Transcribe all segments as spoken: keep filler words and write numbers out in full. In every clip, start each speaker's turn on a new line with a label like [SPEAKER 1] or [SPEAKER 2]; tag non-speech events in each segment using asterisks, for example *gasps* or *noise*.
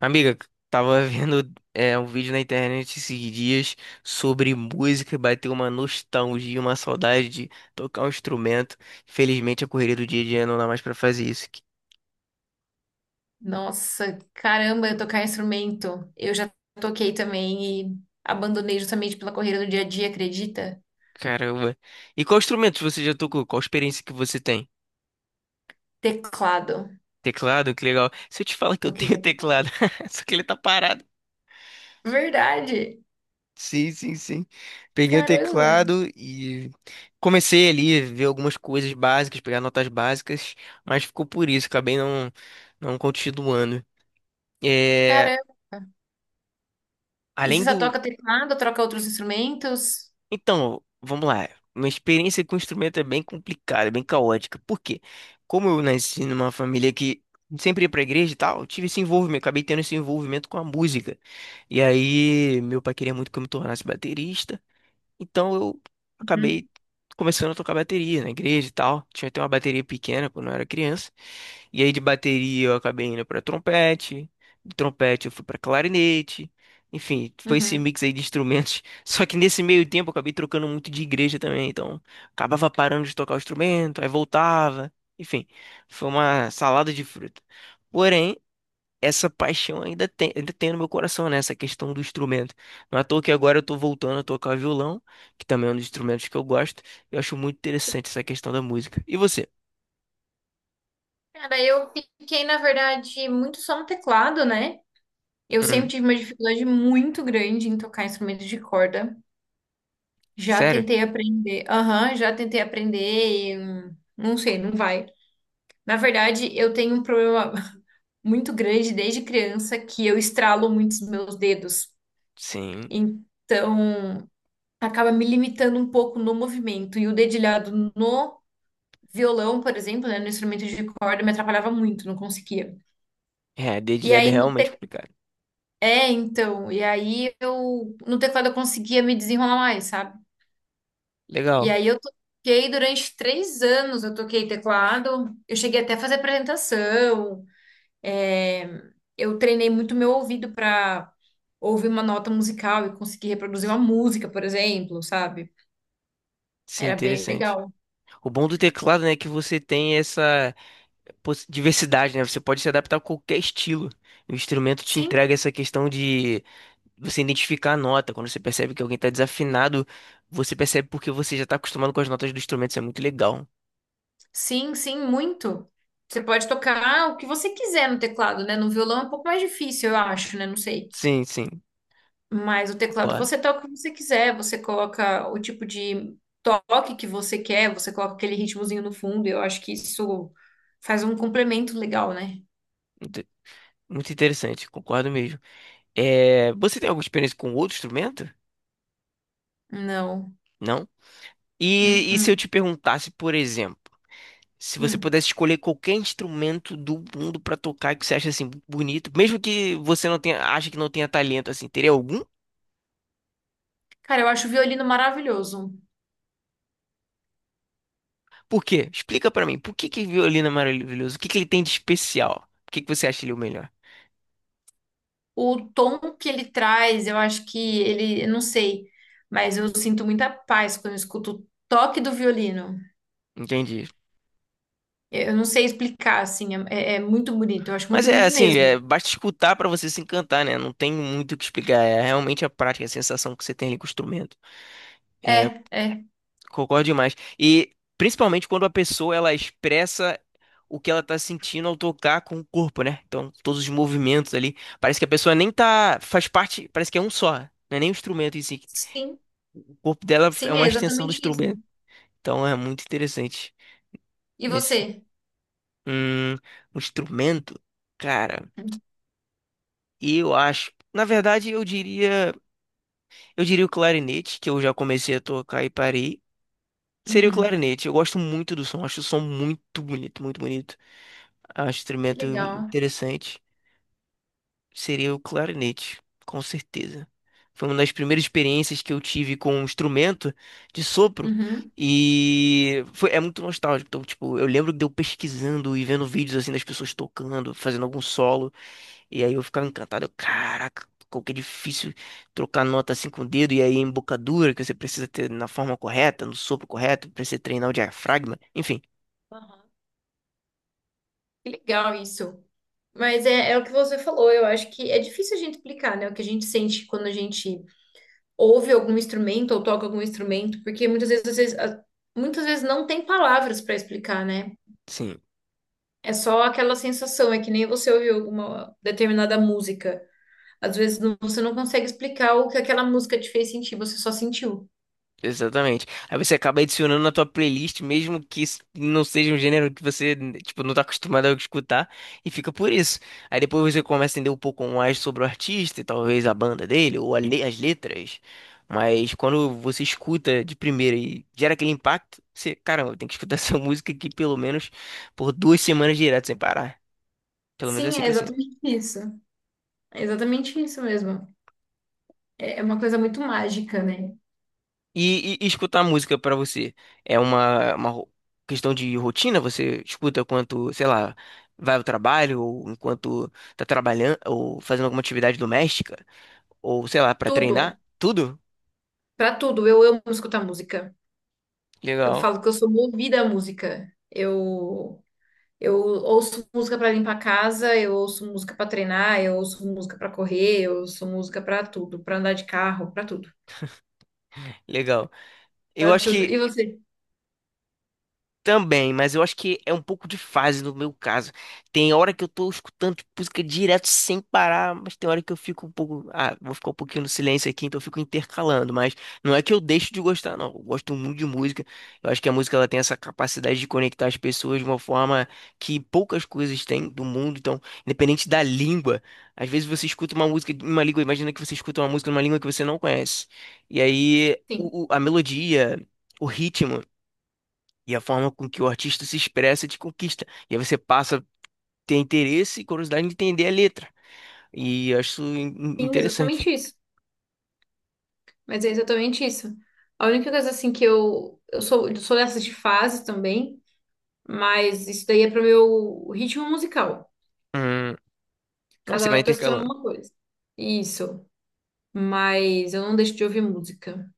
[SPEAKER 1] Amiga, tava vendo é, um vídeo na internet esses dias sobre música e bateu uma nostalgia, uma saudade de tocar um instrumento. Infelizmente, a correria do dia a dia não dá mais pra fazer isso. Que-
[SPEAKER 2] Nossa, caramba, eu tocar instrumento. Eu já toquei também e abandonei justamente pela correria do dia a dia, acredita?
[SPEAKER 1] caramba. E qual instrumento você já tocou? Qual experiência que você tem?
[SPEAKER 2] Teclado.
[SPEAKER 1] Teclado? Que legal. Se eu te falar que eu
[SPEAKER 2] Do
[SPEAKER 1] tenho
[SPEAKER 2] teclado?
[SPEAKER 1] teclado, *laughs* só que ele tá parado.
[SPEAKER 2] Verdade!
[SPEAKER 1] Sim, sim, sim. Peguei o
[SPEAKER 2] Caramba!
[SPEAKER 1] teclado e comecei ali a ver algumas coisas básicas, pegar notas básicas, mas ficou por isso, acabei não, não continuando. É,
[SPEAKER 2] Caramba! E
[SPEAKER 1] além
[SPEAKER 2] você só
[SPEAKER 1] do.
[SPEAKER 2] toca teclado, troca outros instrumentos?
[SPEAKER 1] Então, vamos lá. Minha experiência com o instrumento é bem complicada, é bem caótica. Por quê? Como eu nasci numa família que sempre ia pra igreja e tal, eu tive esse envolvimento, acabei tendo esse envolvimento com a música. E aí, meu pai queria muito que eu me tornasse baterista. Então eu
[SPEAKER 2] Uhum,
[SPEAKER 1] acabei começando a tocar bateria na igreja e tal. Tinha até uma bateria pequena quando eu era criança. E aí de bateria eu acabei indo pra trompete, de trompete eu fui pra clarinete. Enfim, foi esse
[SPEAKER 2] uhum.
[SPEAKER 1] mix aí de instrumentos. *laughs* Só que nesse meio tempo eu acabei trocando muito de igreja também, então acabava parando de tocar o instrumento, aí voltava. Enfim, foi uma salada de fruta. Porém, essa paixão ainda tem, ainda tem no meu coração, né? Essa questão do instrumento. Não é à toa que agora eu tô voltando a tocar violão, que também é um dos instrumentos que eu gosto. Eu acho muito interessante essa questão da música. E você?
[SPEAKER 2] Cara, eu fiquei, na verdade, muito só no teclado, né? Eu sempre
[SPEAKER 1] Hum,
[SPEAKER 2] tive uma dificuldade muito grande em tocar instrumentos de corda. Já
[SPEAKER 1] sério?
[SPEAKER 2] tentei aprender, aham, já tentei aprender e hum, não sei, não vai. Na verdade, eu tenho um problema *laughs* muito grande desde criança que eu estralo muitos meus dedos.
[SPEAKER 1] Sim.
[SPEAKER 2] Então, acaba me limitando um pouco no movimento. E o dedilhado no violão, por exemplo, né, no instrumento de corda, me atrapalhava muito, não conseguia.
[SPEAKER 1] É,
[SPEAKER 2] E
[SPEAKER 1] dedilhada é
[SPEAKER 2] aí no
[SPEAKER 1] realmente
[SPEAKER 2] te...
[SPEAKER 1] complicado.
[SPEAKER 2] É, então, e aí eu no teclado eu conseguia me desenrolar mais, sabe? E
[SPEAKER 1] Legal.
[SPEAKER 2] aí eu toquei durante três anos, eu toquei teclado, eu cheguei até a fazer apresentação. É, eu treinei muito meu ouvido para ouvir uma nota musical e conseguir reproduzir uma música, por exemplo, sabe?
[SPEAKER 1] Sim,
[SPEAKER 2] Era bem
[SPEAKER 1] interessante.
[SPEAKER 2] legal.
[SPEAKER 1] O bom do teclado, né, é que você tem essa poss- diversidade, né? Você pode se adaptar a qualquer estilo. O instrumento te
[SPEAKER 2] Sim,
[SPEAKER 1] entrega essa questão de você identificar a nota, quando você percebe que alguém está desafinado, você percebe porque você já está acostumado com as notas do instrumento, isso é muito legal.
[SPEAKER 2] sim, sim, muito. Você pode tocar o que você quiser no teclado, né? No violão é um pouco mais difícil, eu acho, né? Não sei.
[SPEAKER 1] Sim, sim,
[SPEAKER 2] Mas o teclado
[SPEAKER 1] concordo.
[SPEAKER 2] você toca o que você quiser, você coloca o tipo de toque que você quer, você coloca aquele ritmozinho no fundo, e eu acho que isso faz um complemento legal, né?
[SPEAKER 1] Muito, muito interessante, concordo mesmo. É, você tem alguma experiência com outro instrumento?
[SPEAKER 2] Não.
[SPEAKER 1] Não?
[SPEAKER 2] Hum,
[SPEAKER 1] E, e se eu
[SPEAKER 2] hum,
[SPEAKER 1] te perguntasse, por exemplo, se você
[SPEAKER 2] hum.
[SPEAKER 1] pudesse escolher qualquer instrumento do mundo pra tocar que você acha assim bonito, mesmo que você não tenha, acha que não tenha talento assim, teria algum?
[SPEAKER 2] Cara, eu acho o violino maravilhoso.
[SPEAKER 1] Por quê? Explica pra mim. Por que que violino é maravilhoso? O que que ele tem de especial? Por que que você acha ele é o melhor?
[SPEAKER 2] O tom que ele traz, eu acho que ele, eu não sei, mas eu sinto muita paz quando eu escuto o toque do violino.
[SPEAKER 1] Entendi.
[SPEAKER 2] Eu não sei explicar, assim, é, é- é muito bonito. Eu acho
[SPEAKER 1] Mas
[SPEAKER 2] muito
[SPEAKER 1] é
[SPEAKER 2] bonito
[SPEAKER 1] assim, é,
[SPEAKER 2] mesmo.
[SPEAKER 1] basta escutar pra você se encantar, né? Não tem muito o que explicar. É realmente a prática, a sensação que você tem ali com o instrumento.
[SPEAKER 2] É, é.
[SPEAKER 1] Concordo demais. E principalmente quando a pessoa ela expressa o que ela tá sentindo ao tocar com o corpo, né? Então, todos os movimentos ali, parece que a pessoa nem tá, faz parte, parece que é um só, não é nem o instrumento em si.
[SPEAKER 2] Sim,
[SPEAKER 1] O corpo dela é
[SPEAKER 2] sim,
[SPEAKER 1] uma
[SPEAKER 2] é
[SPEAKER 1] extensão do
[SPEAKER 2] exatamente isso.
[SPEAKER 1] instrumento. Então, é muito interessante
[SPEAKER 2] E
[SPEAKER 1] nesse
[SPEAKER 2] você?
[SPEAKER 1] hum, um instrumento, cara. E eu acho, na verdade, eu diria eu diria o clarinete, que eu já comecei a tocar e parei. Seria o
[SPEAKER 2] Uhum.
[SPEAKER 1] clarinete. Eu gosto muito do som, acho o som muito bonito, muito bonito. Acho o
[SPEAKER 2] Que
[SPEAKER 1] instrumento
[SPEAKER 2] legal.
[SPEAKER 1] interessante. Seria o clarinete, com certeza. Foi uma das primeiras experiências que eu tive com um instrumento de sopro
[SPEAKER 2] Uhum.
[SPEAKER 1] e foi, é muito nostálgico. Então, tipo, eu lembro de eu pesquisando e vendo vídeos assim das pessoas tocando, fazendo algum solo. E aí eu ficava encantado, eu, caraca, como que é difícil trocar nota assim com o dedo, e aí embocadura que você precisa ter na forma correta, no sopro correto, precisa treinar o diafragma, enfim.
[SPEAKER 2] Aham. Que legal isso. Mas é, é o que você falou, eu acho que é difícil a gente explicar, né, o que a gente sente quando a gente ouve algum instrumento ou toca algum instrumento, porque muitas vezes, às vezes, a- muitas vezes não tem palavras para explicar, né?
[SPEAKER 1] Sim,
[SPEAKER 2] É só aquela sensação, é que nem você ouviu alguma determinada música. Às vezes não- você não consegue explicar o que aquela música te fez sentir, você só sentiu.
[SPEAKER 1] exatamente. Aí você acaba adicionando na tua playlist, mesmo que isso não seja um gênero que você, tipo, não tá acostumado a escutar, e fica por isso. Aí depois você começa a entender um pouco mais sobre o artista, e talvez a banda dele, ou a le- as letras. Mas quando você escuta de primeira e gera aquele impacto, você, caramba, tem que escutar *laughs* essa música aqui pelo menos por duas semanas direto sem parar. Pelo menos é
[SPEAKER 2] Sim,
[SPEAKER 1] assim
[SPEAKER 2] é
[SPEAKER 1] que eu sinto.
[SPEAKER 2] exatamente isso. É exatamente isso mesmo. É é uma coisa muito mágica, né?
[SPEAKER 1] E, e- e escutar música pra você é uma, uma ro- questão de rotina? Você escuta enquanto, sei lá, vai ao trabalho, ou enquanto tá trabalhando, ou fazendo alguma atividade doméstica, ou sei lá, pra treinar?
[SPEAKER 2] Tudo,
[SPEAKER 1] Tudo?
[SPEAKER 2] para tudo, eu amo escutar música. Eu
[SPEAKER 1] Legal,
[SPEAKER 2] falo que eu sou movida à música. Eu Eu ouço música para limpar a casa, eu ouço música para treinar, eu ouço música para correr, eu ouço música para tudo, para andar de carro, para tudo,
[SPEAKER 1] legal. Eu
[SPEAKER 2] para
[SPEAKER 1] acho
[SPEAKER 2] tudo.
[SPEAKER 1] que
[SPEAKER 2] E você?
[SPEAKER 1] também, mas eu acho que é um pouco de fase no meu caso. Tem hora que eu tô escutando tipo, música direto sem parar, mas tem hora que eu fico um pouco. Ah, vou ficar um pouquinho no silêncio aqui, então eu fico intercalando. Mas não é que eu deixo de gostar, não. Eu gosto muito de música. Eu acho que a música ela tem essa capacidade de conectar as pessoas de uma forma que poucas coisas têm do mundo. Então, independente da língua, às vezes você escuta uma música em uma língua, imagina que você escuta uma música em uma língua que você não conhece. E aí
[SPEAKER 2] Sim,
[SPEAKER 1] o- o- a melodia. O ritmo e a forma com que o artista se expressa te conquista. E aí você passa a ter interesse e curiosidade em entender a letra. E eu acho isso in- in-
[SPEAKER 2] sim, exatamente
[SPEAKER 1] interessante.
[SPEAKER 2] isso. Mas é exatamente isso. A única coisa assim que eu eu sou, eu sou dessas de fase também, mas isso daí é pro meu ritmo musical.
[SPEAKER 1] Hum, aí você
[SPEAKER 2] Cada hora
[SPEAKER 1] vai
[SPEAKER 2] eu tô escutando
[SPEAKER 1] intercalando.
[SPEAKER 2] uma coisa. Isso. Mas eu não deixo de ouvir música.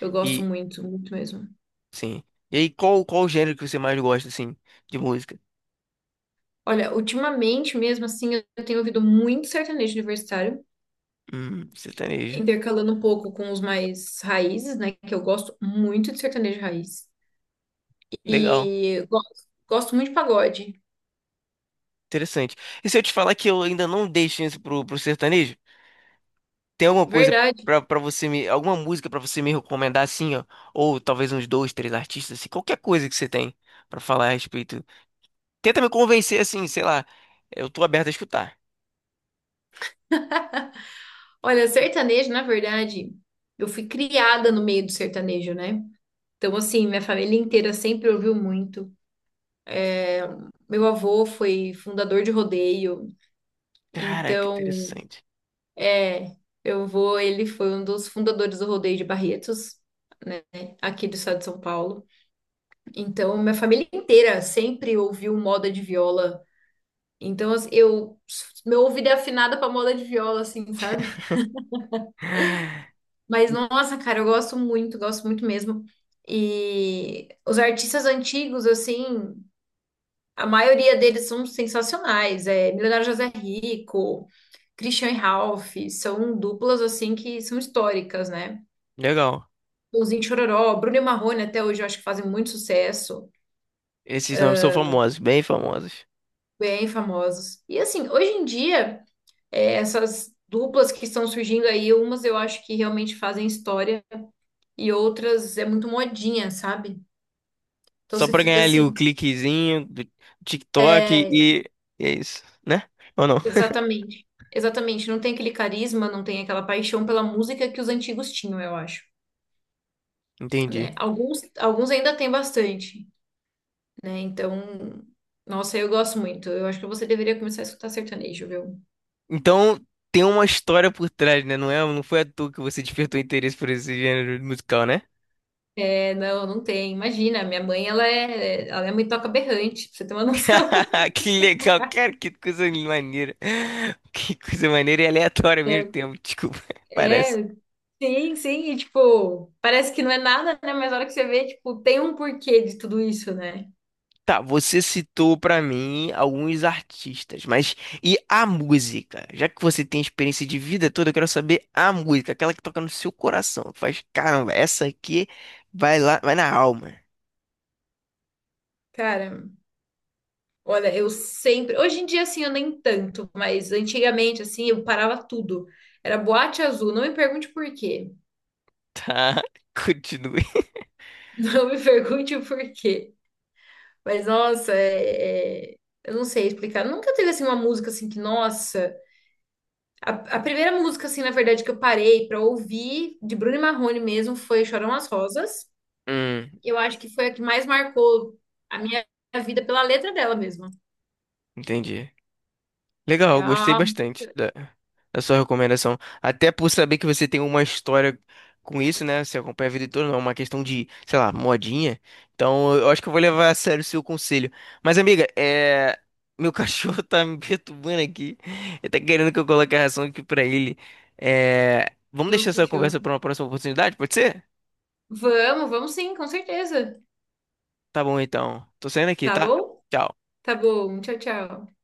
[SPEAKER 2] Eu gosto
[SPEAKER 1] E,
[SPEAKER 2] muito, muito mesmo.
[SPEAKER 1] sim. E aí, qual, qual o gênero que você mais gosta, assim, de música?
[SPEAKER 2] Olha, ultimamente mesmo assim, eu tenho ouvido muito sertanejo universitário,
[SPEAKER 1] Hum, sertanejo.
[SPEAKER 2] intercalando um pouco com os mais raízes, né? Que eu gosto muito de sertanejo raiz.
[SPEAKER 1] Legal.
[SPEAKER 2] E gosto, gosto muito de pagode.
[SPEAKER 1] Interessante. E se eu te falar que eu ainda não dei chance pro, pro sertanejo? Tem alguma coisa
[SPEAKER 2] Verdade.
[SPEAKER 1] pra, pra você me... Alguma música pra você me recomendar, assim, ó? Ou talvez uns dois, três artistas, assim, qualquer coisa que você tem pra falar a respeito. Tenta me convencer assim, sei lá. Eu tô aberto a escutar.
[SPEAKER 2] Olha, sertanejo, na verdade, eu fui criada no meio do sertanejo, né? Então, assim, minha família inteira sempre ouviu muito. Meu avô foi fundador de rodeio,
[SPEAKER 1] Cara, que
[SPEAKER 2] então,
[SPEAKER 1] interessante.
[SPEAKER 2] é, meu avô, ele foi um dos fundadores do rodeio de Barretos, aqui do estado de São Paulo. Então, minha família inteira sempre ouviu moda de viola. Então, assim, eu, meu ouvido é afinado pra moda de viola, assim, sabe?
[SPEAKER 1] *gasps*
[SPEAKER 2] Mas, nossa, cara, eu gosto muito, gosto muito mesmo. E os artistas antigos, assim, a maioria deles são sensacionais. É Milionário José Rico, Christian e Ralph, são duplas, assim, que são históricas, né?
[SPEAKER 1] Legal.
[SPEAKER 2] Chitãozinho e Chororó, Bruno e Marrone até hoje eu acho que fazem muito sucesso,
[SPEAKER 1] Esses nomes são famosos, bem famosos.
[SPEAKER 2] bem famosos. E, assim, hoje em dia, é, essas duplas que estão surgindo aí, umas eu acho que realmente fazem história, e outras é muito modinha, sabe? Então
[SPEAKER 1] Só
[SPEAKER 2] você
[SPEAKER 1] pra
[SPEAKER 2] fica
[SPEAKER 1] ganhar ali o
[SPEAKER 2] assim,
[SPEAKER 1] cliquezinho do TikTok
[SPEAKER 2] é,
[SPEAKER 1] e e é isso, né? Ou não?
[SPEAKER 2] exatamente, exatamente, não tem aquele carisma, não tem aquela paixão pela música que os antigos tinham, eu acho,
[SPEAKER 1] Entendi.
[SPEAKER 2] né? Alguns, alguns ainda tem bastante, né? Então, nossa, eu gosto muito. Eu acho que você deveria começar a escutar sertanejo, viu?
[SPEAKER 1] Então tem uma história por trás, né? Não é, não foi à toa que você despertou interesse por esse gênero musical, né?
[SPEAKER 2] É, não, não tem. Imagina, minha mãe, ela é, ela é muito toca berrante, pra você ter uma *laughs* noção.
[SPEAKER 1] *laughs* Que legal, cara, que coisa maneira. Que coisa maneira e aleatória ao mesmo tempo, desculpa, *laughs*
[SPEAKER 2] É,
[SPEAKER 1] parece.
[SPEAKER 2] é, sim, sim, e tipo, parece que não é nada, né? Mas a hora que você vê, tipo, tem um porquê de tudo isso, né?
[SPEAKER 1] Tá, você citou pra mim alguns artistas, mas e a música? Já que você tem experiência de vida toda, eu quero saber a música, aquela que toca no seu coração, que faz, caramba, essa aqui vai lá, vai na alma.
[SPEAKER 2] Cara, olha, eu sempre. Hoje em dia, assim, eu nem tanto, mas antigamente, assim, eu parava tudo. Era boate azul. Não me pergunte por quê.
[SPEAKER 1] Tá, *laughs* continue.
[SPEAKER 2] *laughs* Não me pergunte o porquê. Mas, nossa, é... é- eu não sei explicar. Nunca teve, assim, uma música, assim, que, nossa. A, a primeira música, assim, na verdade, que eu parei pra ouvir, de Bruno e Marrone mesmo, foi Chorão as Rosas.
[SPEAKER 1] Hum,
[SPEAKER 2] Eu acho que foi a que mais marcou a minha vida pela letra dela mesmo.
[SPEAKER 1] entendi.
[SPEAKER 2] É
[SPEAKER 1] Legal, gostei
[SPEAKER 2] a.
[SPEAKER 1] bastante da, da sua recomendação. Até por saber que você tem uma história com isso, né? Você acompanha a vida toda, não é uma questão de, sei lá, modinha. Então, eu acho que eu vou levar a sério o seu conselho. Mas, amiga, é... meu cachorro *laughs* tá me perturbando aqui. Ele tá querendo que eu coloque a ração aqui pra ele. É... vamos deixar essa conversa
[SPEAKER 2] Fechou.
[SPEAKER 1] pra uma próxima oportunidade, pode ser?
[SPEAKER 2] Vamos, vamos sim, com certeza.
[SPEAKER 1] Tá bom, então. Tô saindo aqui,
[SPEAKER 2] Tá
[SPEAKER 1] tá?
[SPEAKER 2] bom?
[SPEAKER 1] Tchau.
[SPEAKER 2] Tá bom. Tchau, tchau.